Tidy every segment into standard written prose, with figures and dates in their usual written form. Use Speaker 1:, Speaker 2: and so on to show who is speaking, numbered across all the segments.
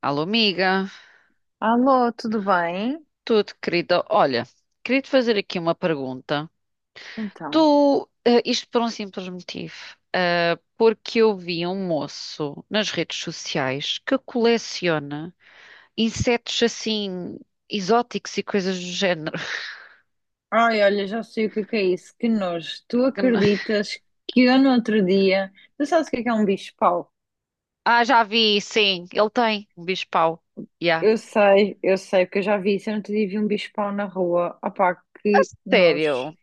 Speaker 1: Alô, amiga,
Speaker 2: Alô, tudo bem?
Speaker 1: tudo querida. Olha, queria te fazer aqui uma pergunta. Tu,
Speaker 2: Então,
Speaker 1: isto por um simples motivo, porque eu vi um moço nas redes sociais que coleciona insetos assim exóticos e coisas do género.
Speaker 2: ai, olha, já sei o que é isso. Que nojo. Tu
Speaker 1: Que não-
Speaker 2: acreditas que eu no outro dia. Tu sabes o que é um bicho-pau?
Speaker 1: Ah, já vi, sim, ele tem um bicho-pau. Yeah.
Speaker 2: Eu sei, porque eu já vi isso. Eu no outro dia vi um bicho-pau na rua. Opá,
Speaker 1: A
Speaker 2: que nojo.
Speaker 1: sério?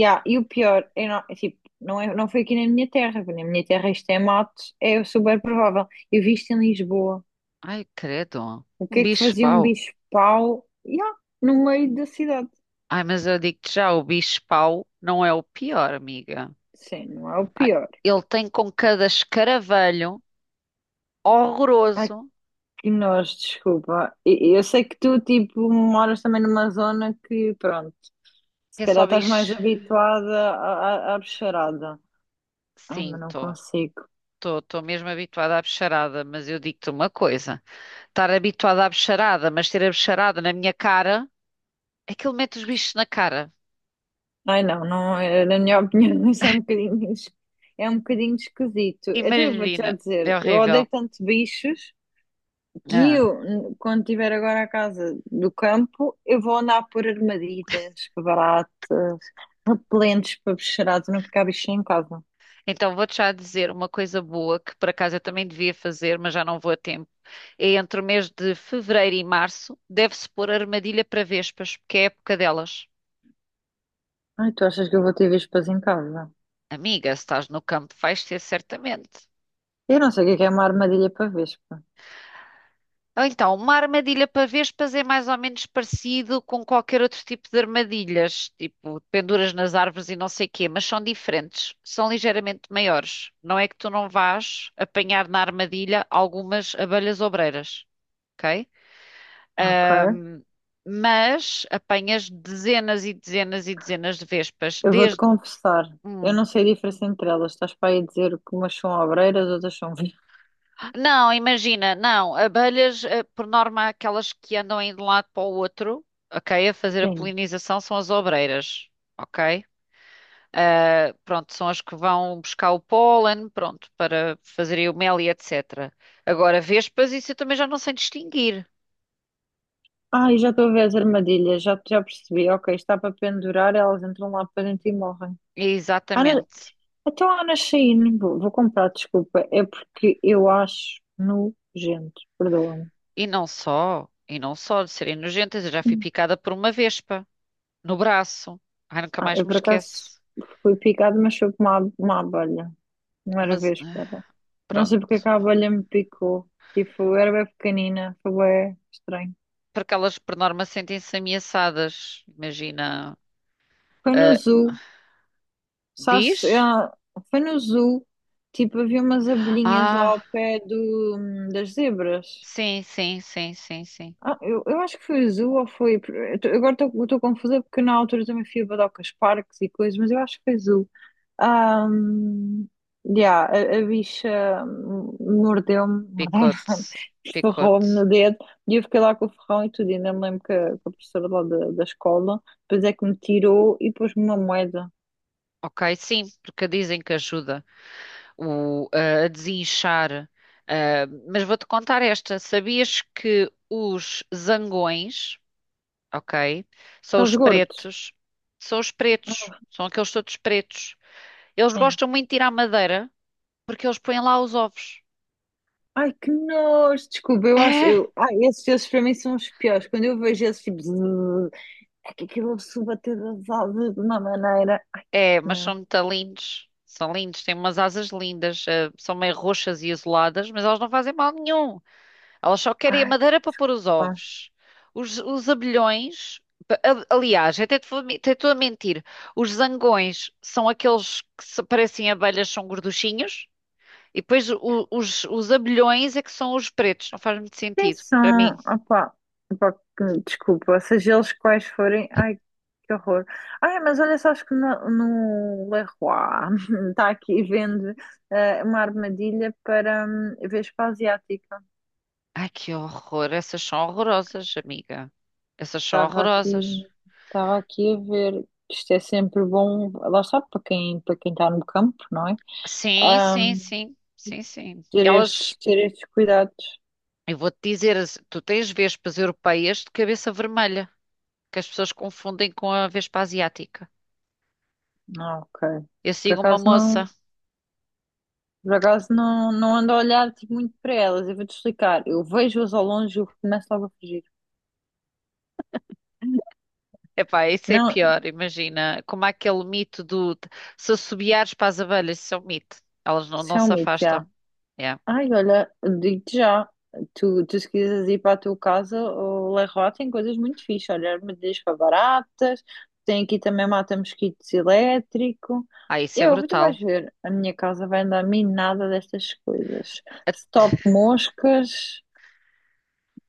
Speaker 2: Yeah, e o pior, eu não, é tipo, não, é, não foi aqui na minha terra, porque na minha terra isto é mato, é super provável. Eu vi isto em Lisboa.
Speaker 1: Ai, credo,
Speaker 2: O
Speaker 1: um
Speaker 2: que é que fazia um
Speaker 1: bicho-pau.
Speaker 2: bicho-pau? Yeah, no meio da cidade.
Speaker 1: Ai, mas eu digo-te já, o bicho-pau não é o pior, amiga.
Speaker 2: Sim, não é o
Speaker 1: Ai,
Speaker 2: pior.
Speaker 1: ele tem com cada escaravelho horroroso.
Speaker 2: Que nós, desculpa. Eu sei que tu, tipo, moras também numa zona que, pronto, se
Speaker 1: É
Speaker 2: calhar
Speaker 1: só
Speaker 2: estás
Speaker 1: bicho.
Speaker 2: mais habituada à bicharada. Ai,
Speaker 1: Sim,
Speaker 2: mas não
Speaker 1: estou.
Speaker 2: consigo.
Speaker 1: Estou mesmo habituada à bicharada, mas eu digo-te uma coisa: estar habituada à bicharada, mas ter a bicharada na minha cara, aquilo mete os bichos na cara.
Speaker 2: Ai, não, não, na minha opinião, isso é um bocadinho, é um bocadinho esquisito. Então eu vou-te
Speaker 1: Imagina,
Speaker 2: já
Speaker 1: é
Speaker 2: dizer, eu
Speaker 1: horrível.
Speaker 2: odeio tanto bichos que
Speaker 1: Ah.
Speaker 2: quando tiver agora a casa do campo, eu vou andar por armadilhas, baratas, repelentes para bicharada, nunca cá há bichinho em casa.
Speaker 1: Então vou-te já dizer uma coisa boa que por acaso eu também devia fazer, mas já não vou a tempo. É entre o mês de fevereiro e março, deve-se pôr armadilha para vespas, porque é a época delas.
Speaker 2: Ai, tu achas que eu vou ter vespas em casa?
Speaker 1: Amiga, se estás no campo, vais ter certamente.
Speaker 2: Eu não sei o que é uma armadilha para vespa.
Speaker 1: Ou então, uma armadilha para vespas é mais ou menos parecido com qualquer outro tipo de armadilhas, tipo penduras nas árvores e não sei quê, mas são diferentes, são ligeiramente maiores. Não é que tu não vás apanhar na armadilha algumas abelhas obreiras, ok?
Speaker 2: Ok.
Speaker 1: Ahm, mas apanhas dezenas e dezenas e dezenas de vespas,
Speaker 2: Eu vou-te
Speaker 1: desde.
Speaker 2: confessar. Eu
Speaker 1: Hum.
Speaker 2: não sei a diferença entre elas. Estás para aí dizer que umas são obreiras, outras são vespas.
Speaker 1: Não, imagina, não. Abelhas, por norma, aquelas que andam aí de um lado para o outro, ok, a fazer a
Speaker 2: Sim.
Speaker 1: polinização são as obreiras, ok? Ah, pronto, são as que vão buscar o pólen, pronto, para fazerem o mel e etc. Agora, vespas, isso eu também já não sei distinguir.
Speaker 2: Ai, já estou a ver as armadilhas. Já percebi. Ok, está para pendurar, elas entram lá para dentro e morrem. Ana,
Speaker 1: Exatamente.
Speaker 2: então a Ana Shein, vou comprar, desculpa. É porque eu acho nojento. Perdoa-me.
Speaker 1: E não só de serem nojentas, eu já fui
Speaker 2: Hum.
Speaker 1: picada por uma vespa no braço. Ai, nunca
Speaker 2: Ah,
Speaker 1: mais
Speaker 2: eu
Speaker 1: me
Speaker 2: por acaso
Speaker 1: esquece.
Speaker 2: fui picada, mas foi por uma, uma abelha. Primeira
Speaker 1: Mas,
Speaker 2: vez,
Speaker 1: eh,
Speaker 2: espera. Não sei porque é que
Speaker 1: pronto.
Speaker 2: a abelha me picou. Tipo, eu era bem pequenina, foi bem estranho.
Speaker 1: Porque elas por norma sentem-se ameaçadas. Imagina,
Speaker 2: Foi no
Speaker 1: ah,
Speaker 2: zoo, sabes?
Speaker 1: diz?
Speaker 2: Foi no zoo, tipo, havia umas abelhinhas lá
Speaker 1: Ah,
Speaker 2: ao pé das zebras.
Speaker 1: sim, sim, sim, sim, sim.
Speaker 2: Ah, eu acho que foi azul ou foi. Agora estou confusa porque na altura também fui a Badocas Parques e coisas, mas eu acho que foi azul. Ahm, yeah, a bicha mordeu-me, mordeu não,
Speaker 1: Picote, picote.
Speaker 2: ferrou-me no dedo e eu fiquei lá com o ferrão e tudo. E ainda me lembro que que a professora lá da escola depois é que me tirou e pôs-me uma moeda.
Speaker 1: Ok, sim, porque dizem que ajuda o, ah, a desinchar. Ah, mas vou-te contar esta. Sabias que os zangões, ok, são
Speaker 2: Estás
Speaker 1: os
Speaker 2: gordos?
Speaker 1: pretos, são os pretos, são aqueles todos pretos. Eles
Speaker 2: Sim.
Speaker 1: gostam muito de tirar madeira porque eles põem lá os ovos.
Speaker 2: Ai, que nojo! Desculpa, eu acho. Eu, ai, esses para mim são os piores. Quando eu vejo esses tipo. É que aquilo se bater das asas de uma maneira. Ai,
Speaker 1: É,
Speaker 2: que
Speaker 1: mas
Speaker 2: não.
Speaker 1: são muito lindos. São lindos, têm umas asas lindas, são meio roxas e isoladas, mas elas não fazem mal nenhum. Elas só querem a
Speaker 2: Ai,
Speaker 1: madeira para pôr os
Speaker 2: pá.
Speaker 1: ovos. Os abelhões, pa- a- aliás, até te vou me- até estou a mentir. Os zangões são aqueles que se- parecem abelhas, são gorduchinhos. E depois o- os abelhões é que são os pretos, não faz muito
Speaker 2: Quem
Speaker 1: sentido para mim.
Speaker 2: são? Opá. Opá, desculpa, seja eles quais forem. Ai, que horror. Ai, mas olha, sabes que no Leroy está aqui vende uma armadilha para Vespa Asiática.
Speaker 1: Ai, que horror! Essas são horrorosas, amiga. Essas são
Speaker 2: Estava aqui,
Speaker 1: horrorosas.
Speaker 2: estava aqui a ver. Isto é sempre bom, lá está, para quem está no campo, não é?
Speaker 1: Sim, sim,
Speaker 2: Hum,
Speaker 1: sim, sim, sim. Elas,
Speaker 2: ter estes cuidados.
Speaker 1: eu vou-te dizer, as- tu tens vespas europeias de cabeça vermelha, que as pessoas confundem com a vespa asiática.
Speaker 2: Ah, ok.
Speaker 1: Eu
Speaker 2: Por
Speaker 1: sigo uma
Speaker 2: acaso
Speaker 1: moça.
Speaker 2: não, por acaso não, não ando a olhar tipo, muito para elas. Eu vou-te explicar. Eu vejo-as ao longe e eu começo logo a fugir.
Speaker 1: Epá, isso é
Speaker 2: Não,
Speaker 1: pior, imagina. Como há aquele mito do se assobiares para as abelhas, isso é um mito. Elas não,
Speaker 2: isso
Speaker 1: não
Speaker 2: é
Speaker 1: se
Speaker 2: um mito, já.
Speaker 1: afastam. É.
Speaker 2: Ai, olha, digo-te já. Tu se quiseres ir para a tua casa, o Leroy tem coisas muito fixas. Olha, armadilhas para baratas. Tem aqui também mata-mosquitos elétrico.
Speaker 1: Ah, isso é
Speaker 2: Eu, tu vais
Speaker 1: brutal.
Speaker 2: ver. A minha casa vai andar minada destas coisas. Stop moscas.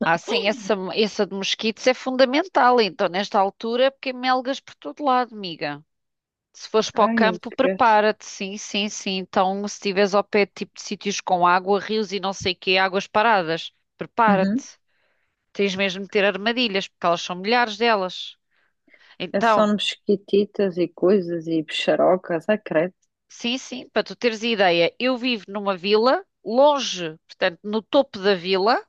Speaker 1: Ah, sim, essa de mosquitos é fundamental, então, nesta altura, porque há melgas por todo lado, amiga. Se fores para o
Speaker 2: Ai,
Speaker 1: campo,
Speaker 2: esquece.
Speaker 1: prepara-te, sim, sim, sim. Então, se estiveres ao pé de tipo de sítios com água, rios e não sei quê, águas paradas,
Speaker 2: Uhum.
Speaker 1: prepara-te. Tens mesmo de ter armadilhas, porque elas são milhares delas.
Speaker 2: É só
Speaker 1: Então,
Speaker 2: mosquititas e coisas e bicharocas, ah, credo.
Speaker 1: sim, sim, para tu teres ideia, eu vivo numa vila, longe, portanto, no topo da vila,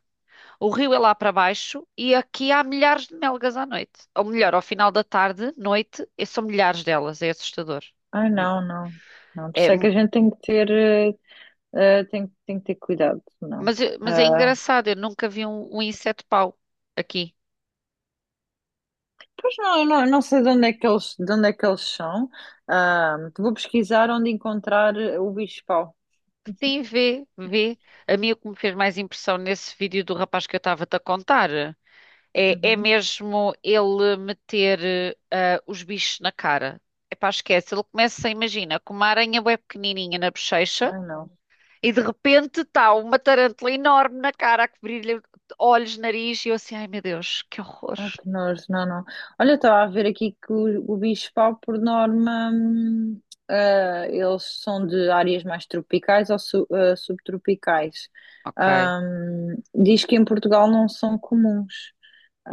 Speaker 1: o rio é lá para baixo e aqui há milhares de melgas à noite. Ou melhor, ao final da tarde, noite, e são milhares delas, é assustador.
Speaker 2: Ai, não, não, não. Por
Speaker 1: É.
Speaker 2: isso é que a gente tem que ter, tem, tem que ter cuidado, não.
Speaker 1: Mas é
Speaker 2: Ah,
Speaker 1: engraçado, eu nunca vi um, um inseto-pau aqui.
Speaker 2: pois não, eu não, eu não sei de onde é que eles, de onde é que eles são. Ah, vou pesquisar onde encontrar o bicho-pau.
Speaker 1: Sim, vê, vê. A mim o que me fez mais impressão nesse vídeo do rapaz que eu estava-te a contar é, é
Speaker 2: Uhum.
Speaker 1: mesmo ele meter os bichos na cara. Epá, esquece, ele começa, imagina, com uma aranha bué pequenininha na bochecha
Speaker 2: Ai, não.
Speaker 1: e de repente está uma tarântula enorme na cara a cobrir-lhe olhos, nariz e eu assim, ai meu Deus, que horror.
Speaker 2: Ai, que nojo, não, não. Olha, estava a ver aqui que o bicho-pau, por norma, eles são de áreas mais tropicais ou subtropicais.
Speaker 1: Ok,
Speaker 2: Diz que em Portugal não são comuns.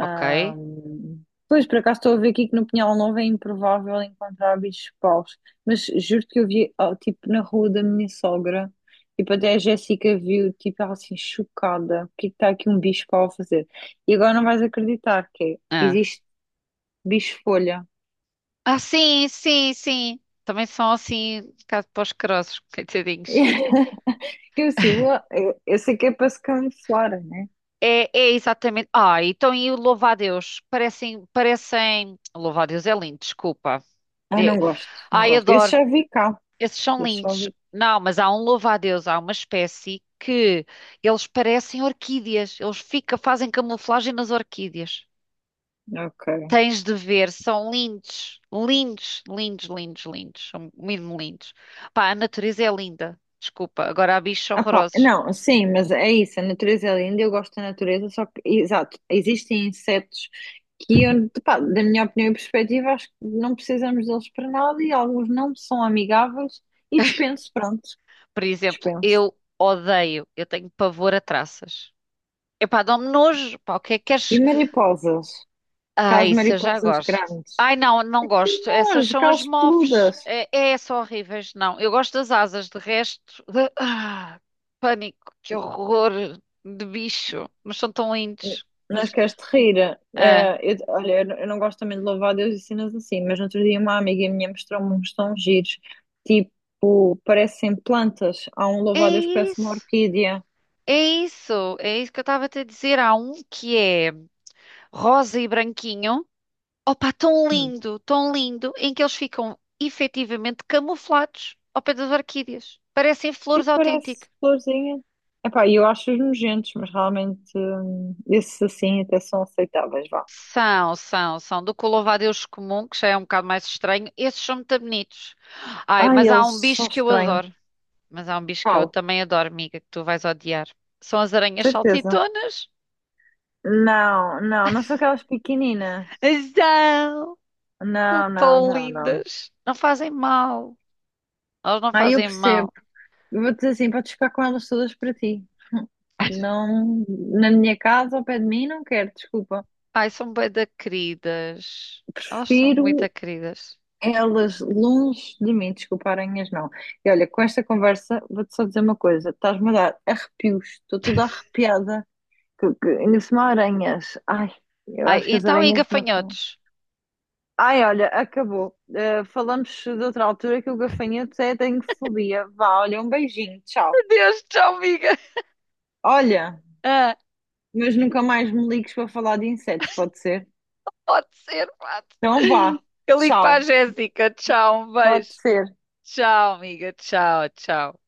Speaker 1: ok.
Speaker 2: Pois, por acaso estou a ver aqui que no Pinhal Novo é improvável encontrar bichos paus, mas juro que eu vi, ah, tipo, na rua da minha sogra, tipo, até a Jéssica viu, tipo, ela assim, chocada, o que é que está aqui um bicho pau a fazer? E agora não vais acreditar que é,
Speaker 1: Ah.
Speaker 2: existe bicho-folha.
Speaker 1: Ah, sim, sim, sim. Também são assim, caso para os crossos, coitadinhos.
Speaker 2: Que eu, assim, ué, eu sei que é para se camuflar, né?
Speaker 1: É, é exatamente. Ah, então e o louva-a-Deus? Parecem, parecem. Louva-a-Deus é lindo, desculpa.
Speaker 2: Ai,
Speaker 1: É-
Speaker 2: não gosto, não
Speaker 1: Ai,
Speaker 2: gosto. Esse
Speaker 1: adoro.
Speaker 2: já vi cá,
Speaker 1: Esses são
Speaker 2: esse já
Speaker 1: lindos.
Speaker 2: vi.
Speaker 1: Não, mas há um louva-a-Deus, há uma espécie que eles parecem orquídeas. Eles fica, fazem camuflagem nas orquídeas.
Speaker 2: Ok.
Speaker 1: Tens de ver, são lindos, lindos, lindos, lindos, lindos, são mesmo lindos. Pá, a natureza é linda, desculpa, agora há bichos
Speaker 2: Ah, pá,
Speaker 1: horrorosos.
Speaker 2: não, sim, mas é isso, a natureza é linda, eu gosto da natureza, só que, exato, existem insetos que eu, pá, da minha opinião e perspectiva, acho que não precisamos deles para nada e alguns não são amigáveis e dispenso, pronto,
Speaker 1: Por exemplo,
Speaker 2: dispenso.
Speaker 1: eu odeio, eu tenho pavor a traças. Epá, dá-me nojo, pá, o que é que
Speaker 2: E
Speaker 1: queres?
Speaker 2: mariposas,
Speaker 1: Ah,
Speaker 2: aquelas
Speaker 1: isso eu já
Speaker 2: mariposas
Speaker 1: gosto.
Speaker 2: grandes,
Speaker 1: Ai, não, não gosto,
Speaker 2: não,
Speaker 1: essas são as
Speaker 2: aquelas
Speaker 1: mofes,
Speaker 2: peludas.
Speaker 1: é, é, são horríveis, não. Eu gosto das asas, de resto, de- ah, pânico, que horror de bicho, mas são tão lindos.
Speaker 2: Não
Speaker 1: Mas,
Speaker 2: queres te rir?
Speaker 1: ah,
Speaker 2: Olha, eu não gosto também de louvar a Deus e cenas assim, mas no outro dia uma amiga minha mostrou-me uns tons giros, tipo, parecem plantas. Há um
Speaker 1: é
Speaker 2: louvar a Deus que parece uma
Speaker 1: isso.
Speaker 2: orquídea.
Speaker 1: É isso, é isso que eu estava a te dizer. Há um que é rosa e branquinho. Opa,
Speaker 2: Hum.
Speaker 1: tão lindo, em que eles ficam efetivamente camuflados ao pé das orquídeas. Parecem flores
Speaker 2: Tipo,
Speaker 1: autênticas.
Speaker 2: parece florzinha. Epá, eu acho-os nojentos, mas realmente esses assim até são aceitáveis, vá.
Speaker 1: São, são, são. Do que o louva-a-Deus comum, que já é um bocado mais estranho, esses são muito bonitos. Ai,
Speaker 2: Ai,
Speaker 1: mas há um
Speaker 2: eles são
Speaker 1: bicho que eu
Speaker 2: estranhos.
Speaker 1: adoro. Mas há um bicho que eu
Speaker 2: Qual?
Speaker 1: também adoro, amiga, que tu vais odiar. São as aranhas
Speaker 2: Certeza.
Speaker 1: saltitonas.
Speaker 2: Não, não, não são aquelas pequeninas.
Speaker 1: São, são
Speaker 2: Não, não,
Speaker 1: tão
Speaker 2: não, não.
Speaker 1: lindas. Não fazem mal. Elas não
Speaker 2: Ah, eu
Speaker 1: fazem
Speaker 2: percebo.
Speaker 1: mal.
Speaker 2: Eu vou dizer assim, podes ficar com elas todas para ti. Não, na minha casa, ao pé de mim, não quero, desculpa.
Speaker 1: Ai, são bué da queridas. Elas são muito
Speaker 2: Prefiro
Speaker 1: queridas.
Speaker 2: elas longe de mim, desculpa, aranhas não. E olha, com esta conversa, vou-te só dizer uma coisa: estás-me a dar arrepios, estou toda arrepiada. Ainda por cima, aranhas. Ai, eu
Speaker 1: Ai,
Speaker 2: acho que as
Speaker 1: então e
Speaker 2: aranhas não são.
Speaker 1: gafanhotos?
Speaker 2: Ai, olha, acabou. Eh, falamos de outra altura que o gafanhoto é, tenho fobia. Vá, olha, um beijinho, tchau.
Speaker 1: Meu Deus, tchau, amiga.
Speaker 2: Olha,
Speaker 1: Ah,
Speaker 2: mas nunca mais me ligues para falar de insetos, pode ser?
Speaker 1: pode ser, pode.
Speaker 2: Então vá,
Speaker 1: Eu ligo para a
Speaker 2: tchau.
Speaker 1: Jéssica. Tchau, um
Speaker 2: Pode
Speaker 1: beijo.
Speaker 2: ser.
Speaker 1: Tchau, amiga. Tchau, tchau.